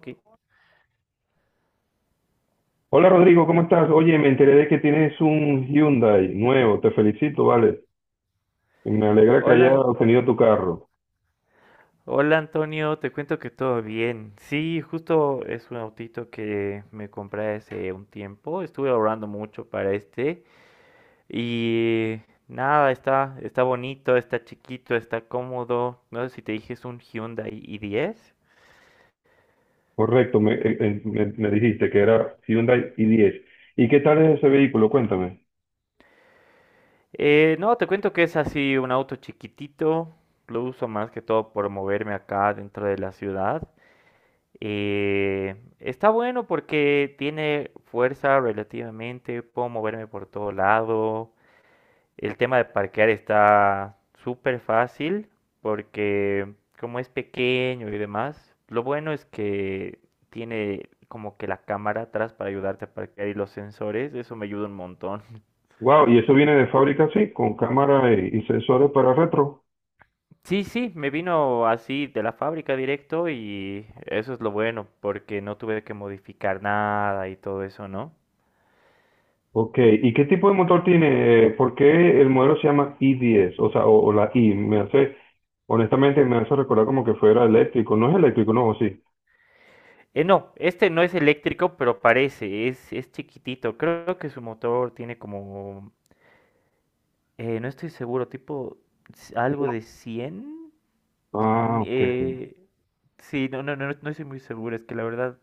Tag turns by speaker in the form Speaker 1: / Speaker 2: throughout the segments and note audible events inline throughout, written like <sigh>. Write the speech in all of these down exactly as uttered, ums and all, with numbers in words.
Speaker 1: Ok.
Speaker 2: Hola Rodrigo, ¿cómo estás? Oye, me enteré de que tienes un Hyundai nuevo, te felicito, vale. Me alegra que haya
Speaker 1: Hola,
Speaker 2: obtenido tu carro.
Speaker 1: hola Antonio, te cuento que todo bien. Sí, justo es un autito que me compré hace un tiempo. Estuve ahorrando mucho para este y nada, está, está bonito, está chiquito, está cómodo. No sé si te dije es un Hyundai i diez.
Speaker 2: Correcto, me, eh, eh, me- me dijiste que era Hyundai i diez. ¿Y qué tal es ese vehículo? Cuéntame.
Speaker 1: Eh, no, te cuento que es así un auto chiquitito. Lo uso más que todo por moverme acá dentro de la ciudad. Eh, está bueno porque tiene fuerza relativamente, puedo moverme por todo lado. El tema de parquear está súper fácil porque como es pequeño y demás, lo bueno es que tiene como que la cámara atrás para ayudarte a parquear y los sensores, eso me ayuda un montón. <laughs>
Speaker 2: Wow, y eso viene de fábrica, sí, con cámara y, y sensores para retro.
Speaker 1: Sí, sí, me vino así de la fábrica directo y eso es lo bueno porque no tuve que modificar nada y todo eso, ¿no?
Speaker 2: Ok, ¿y qué tipo de motor tiene? Eh, ¿Por qué el modelo se llama i diez? O sea, o, o la i, me hace, honestamente me hace recordar como que fuera eléctrico. No es eléctrico, no, ¿o sí?
Speaker 1: Eh, no, este no es eléctrico, pero parece, es, es chiquitito. Creo que su motor tiene como, eh, no estoy seguro, tipo s- algo de cien. Mm,
Speaker 2: Ah, ok,
Speaker 1: eh, sí, no, no, no no no estoy muy seguro, es que la verdad,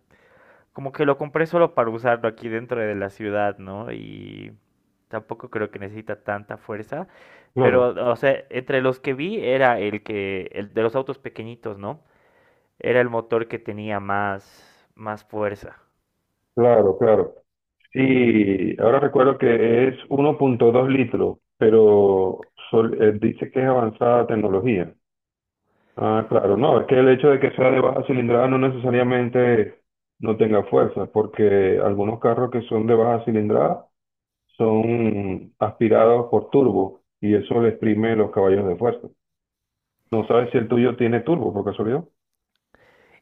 Speaker 1: como que lo compré solo para usarlo aquí dentro de la ciudad, ¿no? Y tampoco creo que necesita tanta fuerza,
Speaker 2: claro.
Speaker 1: pero, o sea, entre los que vi era el que, el de los autos pequeñitos, ¿no? Era el motor que tenía más, más fuerza.
Speaker 2: Claro, claro. Sí, ahora recuerdo que es uno punto dos litros, pero sol- eh, dice que es avanzada tecnología. Ah, claro, no, es que el hecho de que sea de baja cilindrada no necesariamente no tenga fuerza, porque algunos carros que son de baja cilindrada son aspirados por turbo y eso le exprime los caballos de fuerza. No sabes si el tuyo tiene turbo, por casualidad.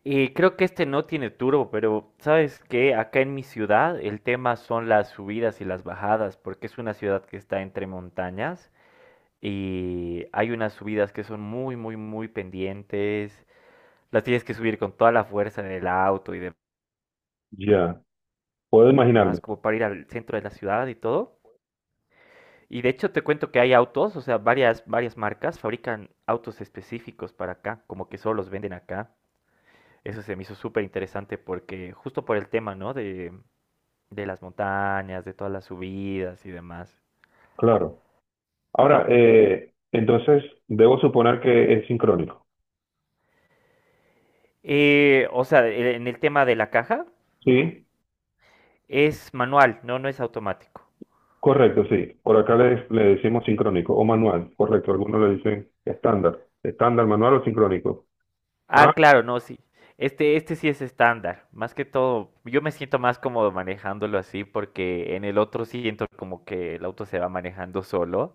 Speaker 1: Eh, creo que este no tiene turbo, pero sabes que acá en mi ciudad el tema son las subidas y las bajadas, porque es una ciudad que está entre montañas y hay unas subidas que son muy, muy, muy pendientes. Las tienes que subir con toda la fuerza del auto y
Speaker 2: Ya, puedo
Speaker 1: demás,
Speaker 2: imaginarme,
Speaker 1: como para ir al centro de la ciudad y todo. Y de hecho te cuento que hay autos, o sea, varias, varias marcas fabrican autos específicos para acá, como que solo los venden acá. Eso se me hizo súper interesante porque justo por el tema, ¿no? De, de las montañas, de todas las subidas y demás.
Speaker 2: claro. Ahora, eh, entonces, debo suponer que es sincrónico.
Speaker 1: Eh, o sea, e- en el tema de la caja,
Speaker 2: Sí.
Speaker 1: es manual, no, no es automático.
Speaker 2: Correcto, sí. Por acá le, le decimos sincrónico o manual. Correcto, algunos le dicen estándar. Estándar, manual o sincrónico. Ah,
Speaker 1: Ah, claro, no, sí. Este, este sí es estándar. Más que todo, yo me siento más cómodo manejándolo así porque en el otro siento como que el auto se va manejando solo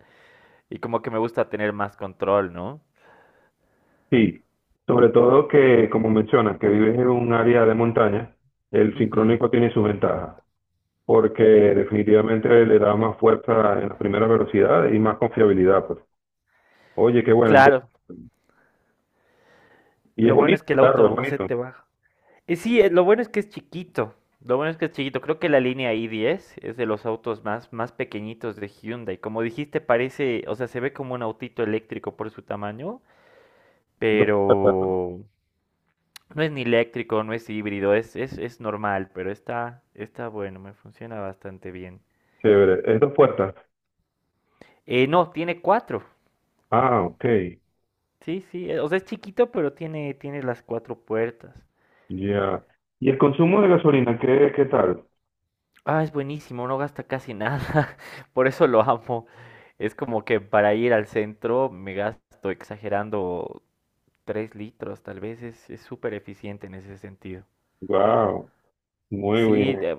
Speaker 1: y como que me gusta tener más control, ¿no?
Speaker 2: sí. Sobre todo que, como mencionas, que vives en un área de montaña, el
Speaker 1: Ujú.
Speaker 2: sincrónico tiene sus ventajas, porque definitivamente le da más fuerza en las primeras velocidades y más confiabilidad, pues. Oye, qué bueno. inte-
Speaker 1: Claro,
Speaker 2: Y es
Speaker 1: lo bueno es
Speaker 2: bonito,
Speaker 1: que el
Speaker 2: claro,
Speaker 1: auto
Speaker 2: es
Speaker 1: no se
Speaker 2: bonito.
Speaker 1: te baja. Y sí, eh, lo bueno es que es chiquito. Lo bueno es que es chiquito. Creo que la línea i diez es de los autos más, más pequeñitos de Hyundai. Como dijiste, parece, o sea, se ve como un autito eléctrico por su tamaño,
Speaker 2: Dos puertas, ¿no?
Speaker 1: pero no es ni eléctrico, no es híbrido, es, es, es normal, pero está, está bueno, me funciona bastante bien.
Speaker 2: Chévere. Es dos puertas.
Speaker 1: Eh, no, tiene cuatro.
Speaker 2: Ah, ok.
Speaker 1: Sí, sí, eh, o sea, es chiquito, pero tiene, tiene las cuatro puertas.
Speaker 2: Ya. ¿Y el consumo de gasolina, qué, qué tal?
Speaker 1: Ah, es buenísimo, no gasta casi nada. <laughs> Por eso lo amo. Es como que para ir al centro me gasto exagerando tres litros, tal vez es es súper eficiente en ese sentido.
Speaker 2: Wow. Muy bien.
Speaker 1: Sí, de-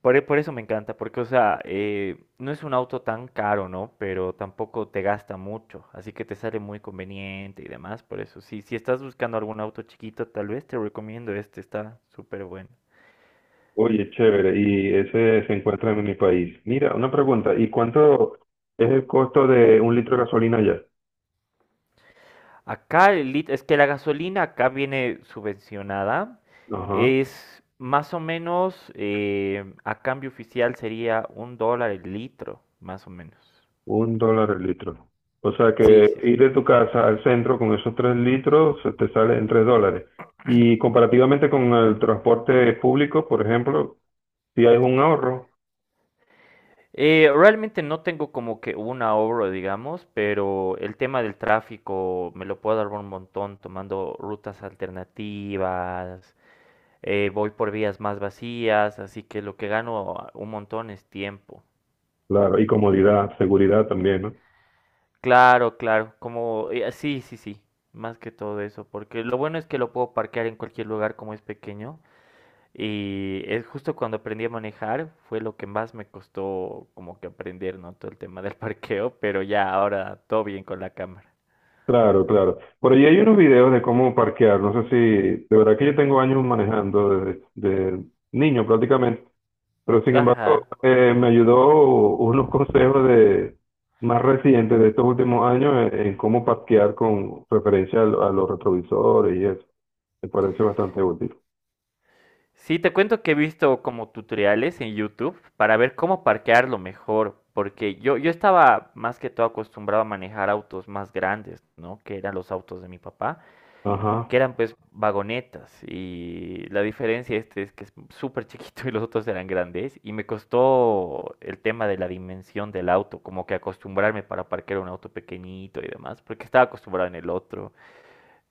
Speaker 1: por, e- por eso me encanta, porque, o sea, eh, no es un auto tan caro, ¿no? Pero tampoco te gasta mucho, así que te sale muy conveniente y demás, por eso. Sí, si estás buscando algún auto chiquito, tal vez te recomiendo este, está súper bueno.
Speaker 2: Oye, chévere. Y ese se encuentra en mi país. Mira, una pregunta. ¿Y cuánto es el costo de un litro de gasolina allá?
Speaker 1: Acá el lit- es que la gasolina acá viene subvencionada.
Speaker 2: Ajá.
Speaker 1: Es más o menos, eh, a cambio oficial sería un dólar el litro, más o menos.
Speaker 2: Un dólar el litro. O sea
Speaker 1: Sí,
Speaker 2: que
Speaker 1: sí.
Speaker 2: ir de tu casa al centro con esos tres litros se te sale en tres dólares. Y comparativamente con el transporte público, por ejemplo, si hay un ahorro.
Speaker 1: Eh, realmente no tengo como que un ahorro, digamos, pero el tema del tráfico me lo puedo dar un montón tomando rutas alternativas, eh, voy por vías más vacías, así que lo que gano un montón es tiempo.
Speaker 2: Claro. Y comodidad, seguridad también, ¿no?
Speaker 1: Claro, claro, como eh, sí, sí, sí, más que todo eso, porque lo bueno es que lo puedo parquear en cualquier lugar como es pequeño y es justo cuando aprendí a manejar fue lo que más me costó como que aprender, ¿no? Todo el tema del <laughs> parqueo, pero ya ahora todo bien con la cámara.
Speaker 2: Claro, claro. Por allí hay unos videos de cómo parquear. No sé si, de verdad que yo tengo años manejando desde, desde niño prácticamente, pero sin embargo
Speaker 1: Ajá.
Speaker 2: eh, me ayudó unos <laughs> consejos de más recientes de estos últimos años en, en cómo parquear con referencia a, lo- a los retrovisores y eso. Me parece bastante útil.
Speaker 1: Sí, te cuento que he visto como tutoriales en YouTube para ver cómo parquearlo mejor, porque yo, yo estaba más que todo acostumbrado a manejar autos más grandes, ¿no? Que eran los autos de mi papá. Que
Speaker 2: Ajá.
Speaker 1: eran pues vagonetas y la diferencia este es que es súper chiquito <laughs> y los otros eran grandes y me costó el tema de la dimensión del auto, como que acostumbrarme para parquear un auto pequeñito y demás, porque estaba acostumbrado en el otro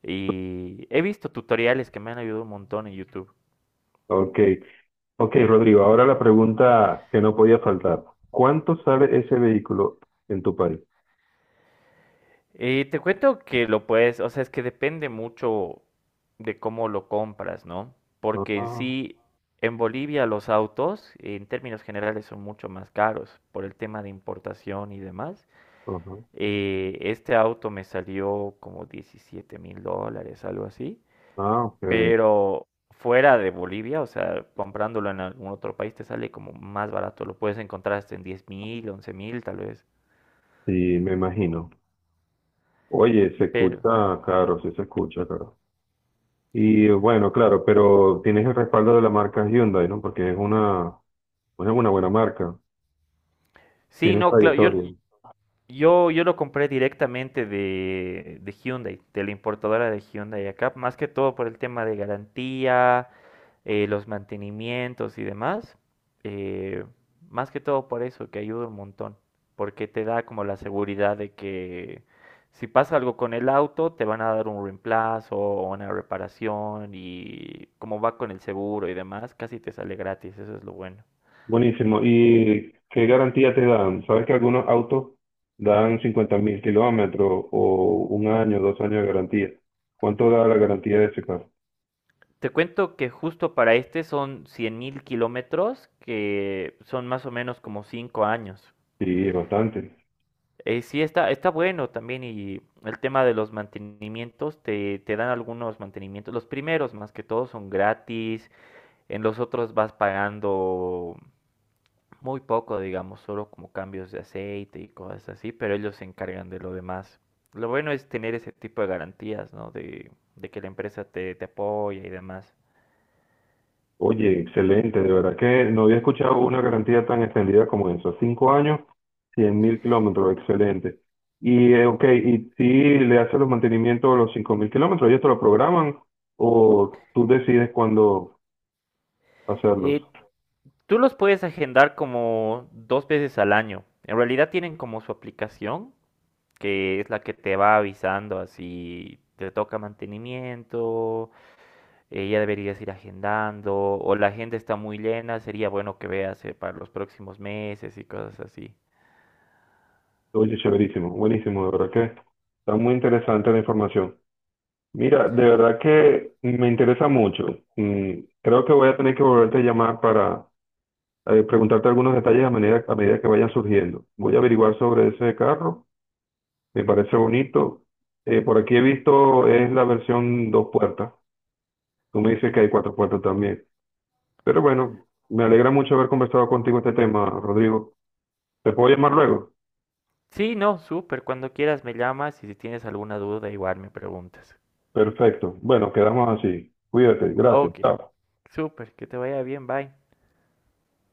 Speaker 1: y he visto tutoriales que me han ayudado un montón en YouTube.
Speaker 2: Ok. Ok, Rodrigo. Ahora la pregunta que no podía faltar. ¿Cuánto sale ese vehículo en tu país?
Speaker 1: Y te cuento que lo puedes, o sea, es que depende mucho de cómo lo compras, ¿no? Porque en
Speaker 2: Ah,
Speaker 1: sí, en Bolivia los autos, en términos generales, son mucho más caros por el tema de importación y demás.
Speaker 2: ajá.
Speaker 1: Eh, este auto me salió como diecisiete mil dólares, algo así.
Speaker 2: Ah, ok.
Speaker 1: Pero fuera de Bolivia, o sea, comprándolo en algún otro país te sale como más barato. Lo puedes encontrar hasta en diez mil, once mil, tal vez.
Speaker 2: Sí, me imagino. Oye, se
Speaker 1: Pero...
Speaker 2: escucha caro, sí se escucha caro. Y bueno, claro, pero tienes el respaldo de la marca Hyundai, ¿no? Porque es una, pues es una buena marca,
Speaker 1: Sí,
Speaker 2: tiene
Speaker 1: no, claro, yo,
Speaker 2: trayectoria.
Speaker 1: Yo, yo lo compré directamente de, de Hyundai, de la importadora de Hyundai acá, más que todo por el tema de garantía, eh, los mantenimientos y demás. eh, Más que todo por eso, que ayuda un montón, porque te da como la seguridad de que si pasa algo con el auto, te van a dar un reemplazo o una reparación y como va con el seguro y demás, casi te sale gratis, eso es lo bueno.
Speaker 2: Buenísimo. ¿Y qué garantía te dan? ¿Sabes que algunos autos dan cincuenta mil kilómetros o un año, dos años de garantía? ¿Cuánto da la garantía de ese carro?
Speaker 1: Te cuento que justo para este son cien mil kilómetros, que son más o menos como cinco años.
Speaker 2: Sí, bastante.
Speaker 1: Eh, sí, está, está bueno también y el tema de los mantenimientos, te, te dan algunos mantenimientos. Los primeros más que todo son gratis, en los otros vas pagando muy poco, digamos, solo como cambios de aceite y cosas así, pero ellos se encargan de lo demás. Lo bueno es tener ese tipo de garantías, ¿no? De, de que la empresa te, te apoya y demás.
Speaker 2: Oye, excelente, de verdad que no había escuchado una garantía tan extendida como eso. Cinco años, cien mil kilómetros, excelente. Y, eh, ok, y si le haces los mantenimientos a los cinco mil kilómetros, ¿ellos te lo programan o tú decides cuándo hacerlos?
Speaker 1: Eh, Tú los puedes agendar como dos veces al año. En realidad tienen como su aplicación, que es la que te va avisando así, te toca mantenimiento, eh, ya deberías ir agendando, o la agenda está muy llena, sería bueno que veas eh, para los próximos meses y cosas así.
Speaker 2: Oye, chéverísimo, buenísimo, de verdad que está muy interesante la información. Mira, de verdad que me interesa mucho. Mm, creo que voy a tener que volverte a llamar para eh, preguntarte algunos detalles a medida, a medida que vayan surgiendo. Voy a averiguar sobre ese carro, me parece bonito. Eh, por aquí he visto, es la versión dos puertas. Tú me dices que hay cuatro puertas también. Pero bueno, me alegra mucho haber conversado contigo este tema, Rodrigo. ¿Te puedo llamar luego?
Speaker 1: Sí, no, súper, cuando quieras me llamas y si tienes alguna duda igual me preguntas.
Speaker 2: Perfecto. Bueno, quedamos así. Cuídate. Gracias.
Speaker 1: Ok,
Speaker 2: Chao.
Speaker 1: súper, que te vaya bien, bye.